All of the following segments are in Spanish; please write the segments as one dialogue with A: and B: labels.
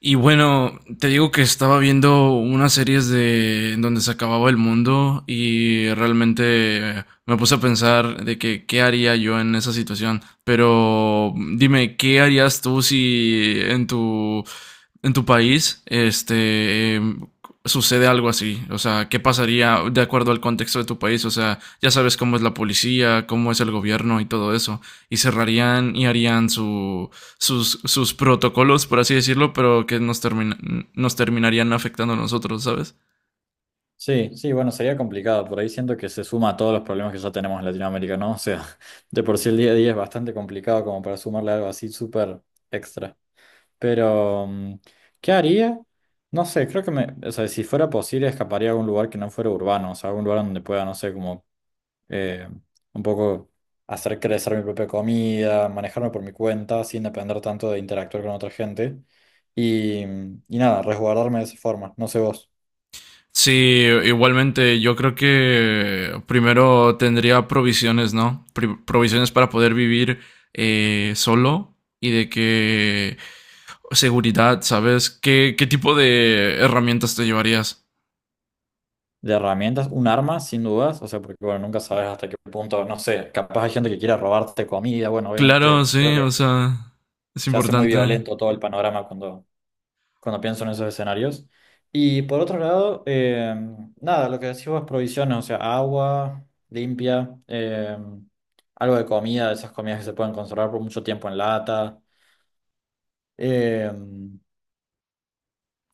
A: Y bueno, te digo que estaba viendo unas series de en donde se acababa el mundo y realmente me puse a pensar de que qué haría yo en esa situación. Pero dime, ¿qué harías tú si en tu país, sucede algo así? O sea, ¿qué pasaría de acuerdo al contexto de tu país? O sea, ya sabes cómo es la policía, cómo es el gobierno y todo eso. Y cerrarían y harían su, sus, sus protocolos, por así decirlo, pero que nos, termina, nos terminarían afectando a nosotros, ¿sabes?
B: Sí, sí, bueno, sería complicado. Por ahí siento que se suma a todos los problemas que ya tenemos en Latinoamérica, ¿no? O sea, de por sí el día a día es bastante complicado como para sumarle algo así súper extra. Pero, mm, ¿qué haría? No sé, creo que me, o sea, si fuera posible, escaparía a algún lugar que no fuera urbano, o sea, algún lugar donde pueda, no sé, como eh, un poco hacer crecer mi propia comida, manejarme por mi cuenta, sin depender tanto de interactuar con otra gente. Y nada, resguardarme de esa forma. No sé vos.
A: Sí, igualmente, yo creo que primero tendría provisiones, ¿no? Pri- provisiones para poder vivir solo y de que seguridad, ¿sabes? ¿Qué, qué tipo de herramientas te llevarías?
B: De herramientas, un arma, sin dudas, o sea, porque bueno, nunca sabes hasta qué punto, no sé, capaz hay gente que quiera robarte comida, bueno,
A: Claro,
B: obviamente creo
A: sí,
B: que
A: o sea, es
B: se hace muy
A: importante.
B: violento todo el panorama cuando, cuando pienso en esos escenarios. Y por otro lado, nada, lo que decimos es provisiones, o sea, agua limpia, algo de comida, de esas comidas que se pueden conservar por mucho tiempo en lata. eh,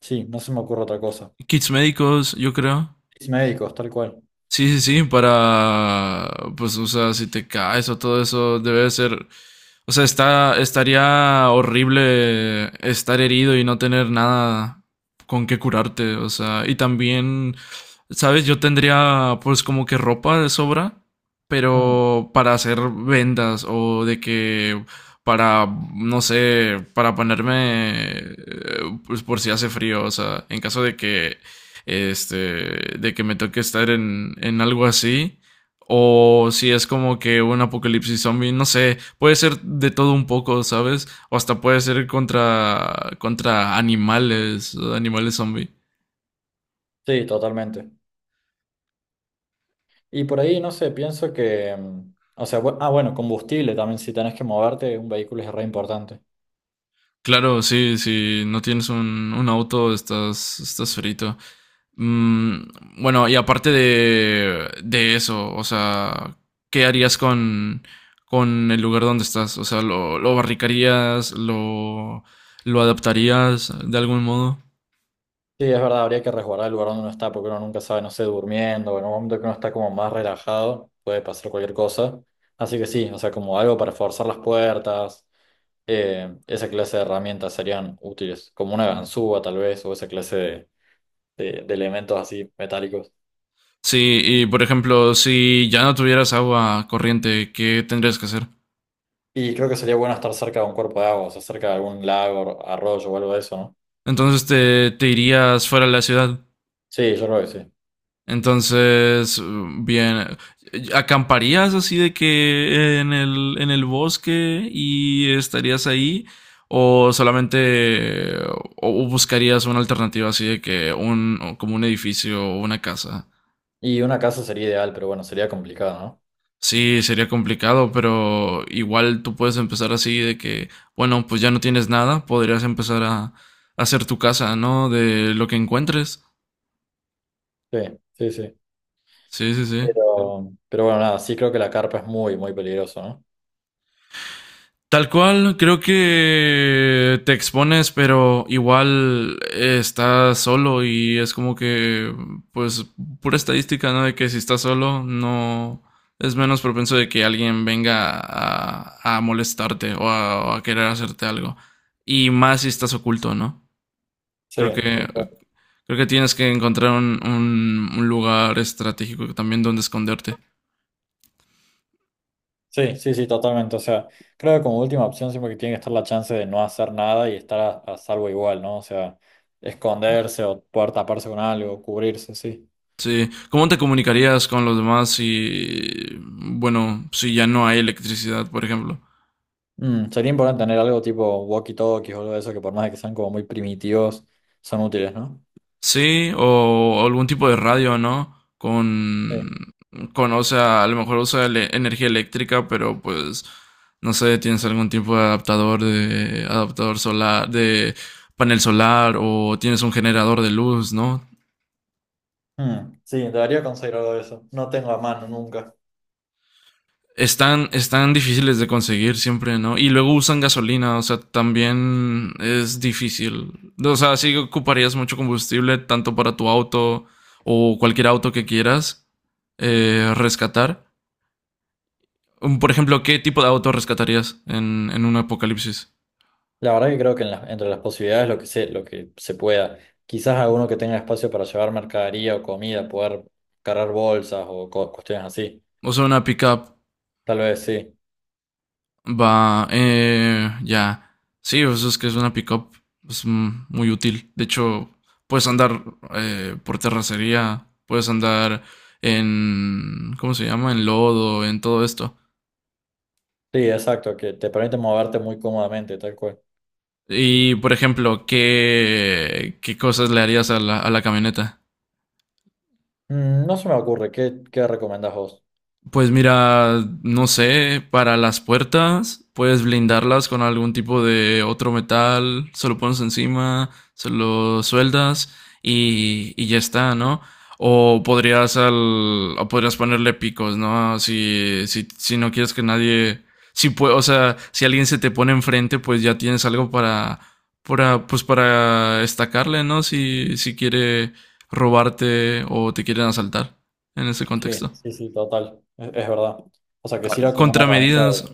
B: sí, no se me ocurre otra cosa.
A: Kits médicos, yo creo.
B: Y médicos, tal cual.
A: Sí, sí, sí, para, pues, o sea, si te caes o todo eso, debe de ser, o sea, está, estaría horrible estar herido y no tener nada con qué curarte, o sea, y también, ¿sabes? Yo tendría, pues, como que ropa de sobra,
B: Mm,
A: pero para hacer vendas o de que, para, no sé, para ponerme, pues, por si hace frío, o sea, en caso de que de que me toque estar en algo así. O si es como que un apocalipsis zombie, no sé, puede ser de todo un poco, ¿sabes? O hasta puede ser contra, contra animales, animales zombie.
B: sí, totalmente. Y por ahí, no sé, pienso que, mm, o sea, bueno, combustible también, si tenés que moverte, un vehículo es re importante.
A: Claro, sí, si no tienes un auto, estás, estás frito. Mm, bueno, y aparte de eso, o sea, ¿qué harías con el lugar donde estás? O sea, lo barricarías? Lo adaptarías de algún modo?
B: Sí, es verdad, habría que resguardar el lugar donde uno está, porque uno nunca sabe, no sé, durmiendo, o en un momento que uno está como más relajado, puede pasar cualquier cosa. Así que sí, o sea, como algo para forzar las puertas, esa clase de herramientas serían útiles, como una ganzúa tal vez, o esa clase de, de elementos así metálicos.
A: Sí, y por ejemplo, si ya no tuvieras agua corriente, ¿qué tendrías que hacer?
B: Y creo que sería bueno estar cerca de un cuerpo de agua, o sea, cerca de algún lago, arroyo o algo de eso, ¿no?
A: Entonces te irías fuera de la ciudad.
B: Sí, yo creo que sí.
A: Entonces, bien, ¿acamparías así de que en el bosque y estarías ahí? ¿O solamente o buscarías una alternativa así de que un, como un edificio o una casa?
B: Y una casa sería ideal, pero bueno, sería complicado, ¿no?
A: Sí, sería complicado, pero igual tú puedes empezar así de que, bueno, pues ya no tienes nada, podrías empezar a hacer tu casa, ¿no? De lo que encuentres.
B: Sí, sí, sí.
A: Sí, sí, sí.
B: Pero, bueno, nada, sí creo que la carpa es muy, muy peligroso, ¿no?
A: Tal cual, creo que te expones, pero igual estás solo y es como que, pues, pura estadística, ¿no? De que si estás solo, no es menos propenso de que alguien venga a molestarte o a querer hacerte algo. Y más si estás oculto, ¿no?
B: Sí,
A: Creo que,
B: tal cual.
A: creo que tienes que encontrar un, un lugar estratégico también donde esconderte.
B: Sí, sí, sí, totalmente. O sea, creo que como última opción siempre que tiene que estar la chance de no hacer nada y estar a salvo igual, ¿no? O sea, esconderse o poder taparse con algo, cubrirse, sí.
A: Sí, ¿cómo te comunicarías con los demás si, bueno, si ya no hay electricidad, por ejemplo?
B: Mm, sería importante tener algo tipo walkie-talkies o algo de eso que por más de que sean como muy primitivos, son útiles, ¿no?
A: Sí, o algún tipo de radio, ¿no?
B: Sí.
A: Con, o sea, a lo mejor usa energía eléctrica, pero pues, no sé, tienes algún tipo de adaptador solar, de panel solar, o tienes un generador de luz, ¿no?
B: Mm, sí, debería conseguir algo de eso. No tengo a mano nunca.
A: Están, están difíciles de conseguir siempre, ¿no? Y luego usan gasolina, o sea, también es difícil. O sea, sí ocuparías mucho combustible, tanto para tu auto o cualquier auto que quieras rescatar. Por ejemplo, ¿qué tipo de auto rescatarías en un apocalipsis?
B: La verdad que creo que en entre las posibilidades lo que se pueda. Quizás alguno que tenga espacio para llevar mercadería o comida, poder cargar bolsas o cuestiones así.
A: O sea, una pickup.
B: Tal vez sí.
A: Va, ya. Sí, pues es que es una pickup pues, muy útil. De hecho, puedes andar por terracería, puedes andar en, ¿cómo se llama? En lodo, en todo esto.
B: Sí, exacto, que te permite moverte muy cómodamente, tal cual.
A: Y, por ejemplo, ¿qué, qué cosas le harías a la camioneta?
B: Mm, no se me ocurre, ¿qué, qué recomendás vos?
A: Pues mira, no sé, para las puertas puedes blindarlas con algún tipo de otro metal, se lo pones encima, se lo sueldas y ya está, ¿no? O podrías al, o podrías ponerle picos, ¿no? Si, si, si no quieres que nadie, o sea, si alguien se te pone enfrente, pues ya tienes algo para, pues para estacarle, ¿no? Si, si quiere robarte o te quieren asaltar en ese
B: Sí,
A: contexto.
B: sí, sí, total. Es verdad. O sea, que sirva como una herramienta
A: Contramedidas.
B: de...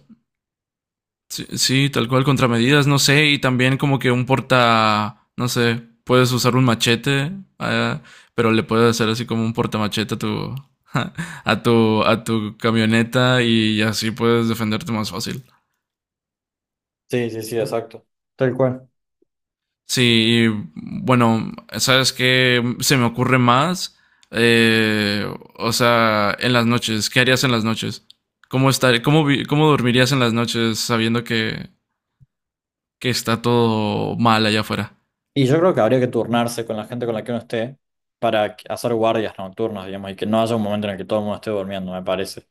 A: Sí, sí, tal cual, contramedidas, no sé, y también como que un porta, no sé, puedes usar un machete, eh, pero le puedes hacer así como un portamachete a tu, a tu camioneta y así puedes defenderte más fácil.
B: Sí, sí, sí, exacto. Tal cual.
A: Sí, y, bueno, sabes qué se me ocurre más. Eh, o sea, en las noches, ¿qué harías en las noches? ¿Cómo estar, cómo, cómo dormirías en las noches sabiendo que está todo mal allá afuera?
B: Y yo creo que habría que turnarse con la gente con la que uno esté para hacer guardias nocturnas, digamos, y que no haya un momento en el que todo el mundo esté durmiendo, me parece.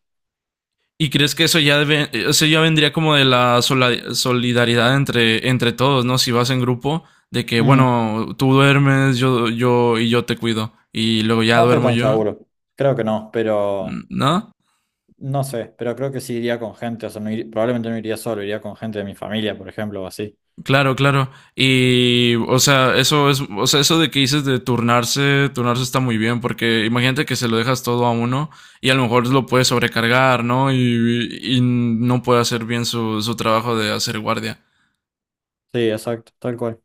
A: ¿Y crees que eso ya, eso ya vendría como de la solidaridad entre, entre todos, ¿no? Si vas en grupo, de que,
B: Mm.
A: bueno, tú duermes, yo y yo te cuido, y luego ya
B: No estoy
A: duermo
B: tan
A: yo,
B: seguro. Creo que no, pero
A: ¿no?
B: no sé, pero creo que sí iría con gente, o sea, probablemente no iría solo, iría con gente de mi familia, por ejemplo, o así.
A: Claro, claro. Y, o sea, eso es, o sea, eso de que dices de turnarse, turnarse está muy bien, porque imagínate que se lo dejas todo a uno y a lo mejor lo puede sobrecargar, ¿no? Y no puede hacer bien su, su trabajo de hacer guardia.
B: Sí, exacto, tal cual.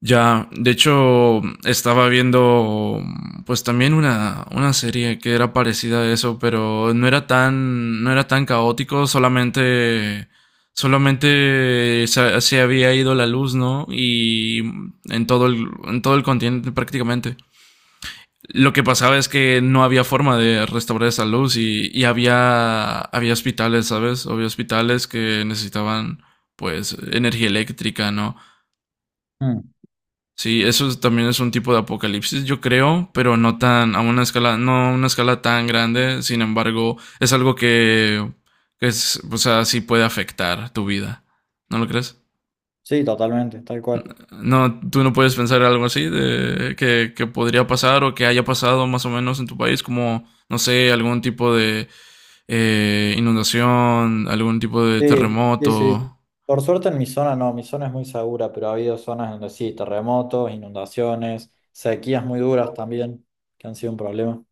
A: Ya, de hecho, estaba viendo pues también una serie que era parecida a eso, pero no era tan, no era tan caótico, solamente, solamente se, se había ido la luz, ¿no? Y en todo el continente prácticamente. Lo que pasaba es que no había forma de restaurar esa luz y había, había hospitales, ¿sabes? Había hospitales que necesitaban pues energía eléctrica, ¿no?
B: Mm.
A: Sí, eso es- también es un tipo de apocalipsis, yo creo, pero no tan, a una escala, no a una escala tan grande. Sin embargo, es algo que es, o sea, sí puede afectar tu vida. ¿No lo crees?
B: Sí, totalmente, tal cual.
A: No, tú no puedes pensar algo así de que podría pasar o que haya pasado más o menos en tu país, como, no sé, algún tipo de inundación, algún tipo de
B: Sí, sí, sí.
A: terremoto.
B: Por suerte en mi zona no, mi zona es muy segura, pero ha habido zonas donde sí, terremotos, inundaciones, sequías muy duras también, que han sido un problema.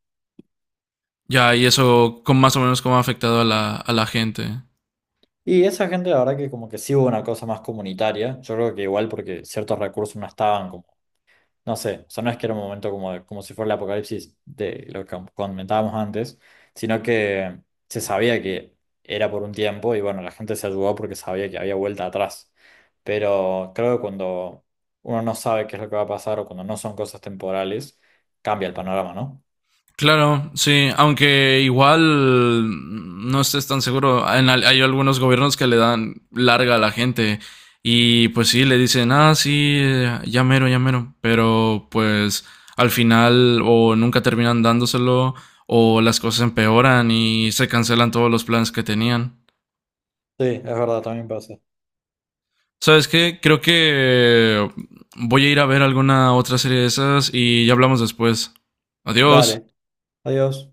A: Ya, y eso con más o menos cómo ha afectado a la gente.
B: Y esa gente, la verdad que como que sí hubo una cosa más comunitaria, yo creo que igual porque ciertos recursos no estaban como. No sé, o sea, no es que era un momento como, como si fuera el apocalipsis de lo que comentábamos antes, sino que se sabía que era por un tiempo y bueno, la gente se ayudó porque sabía que había vuelta atrás. Pero creo que cuando uno no sabe qué es lo que va a pasar o cuando no son cosas temporales, cambia el panorama, ¿no?
A: Claro, sí, aunque igual no estés tan seguro. Hay algunos gobiernos que le dan larga a la gente y pues sí, le dicen, ah, sí, ya mero, pero pues al final o nunca terminan dándoselo o las cosas empeoran y se cancelan todos los planes que tenían.
B: Sí, es verdad, también pasa.
A: ¿Sabes qué? Creo que voy a ir a ver alguna otra serie de esas y ya hablamos después. Adiós.
B: Dale, adiós.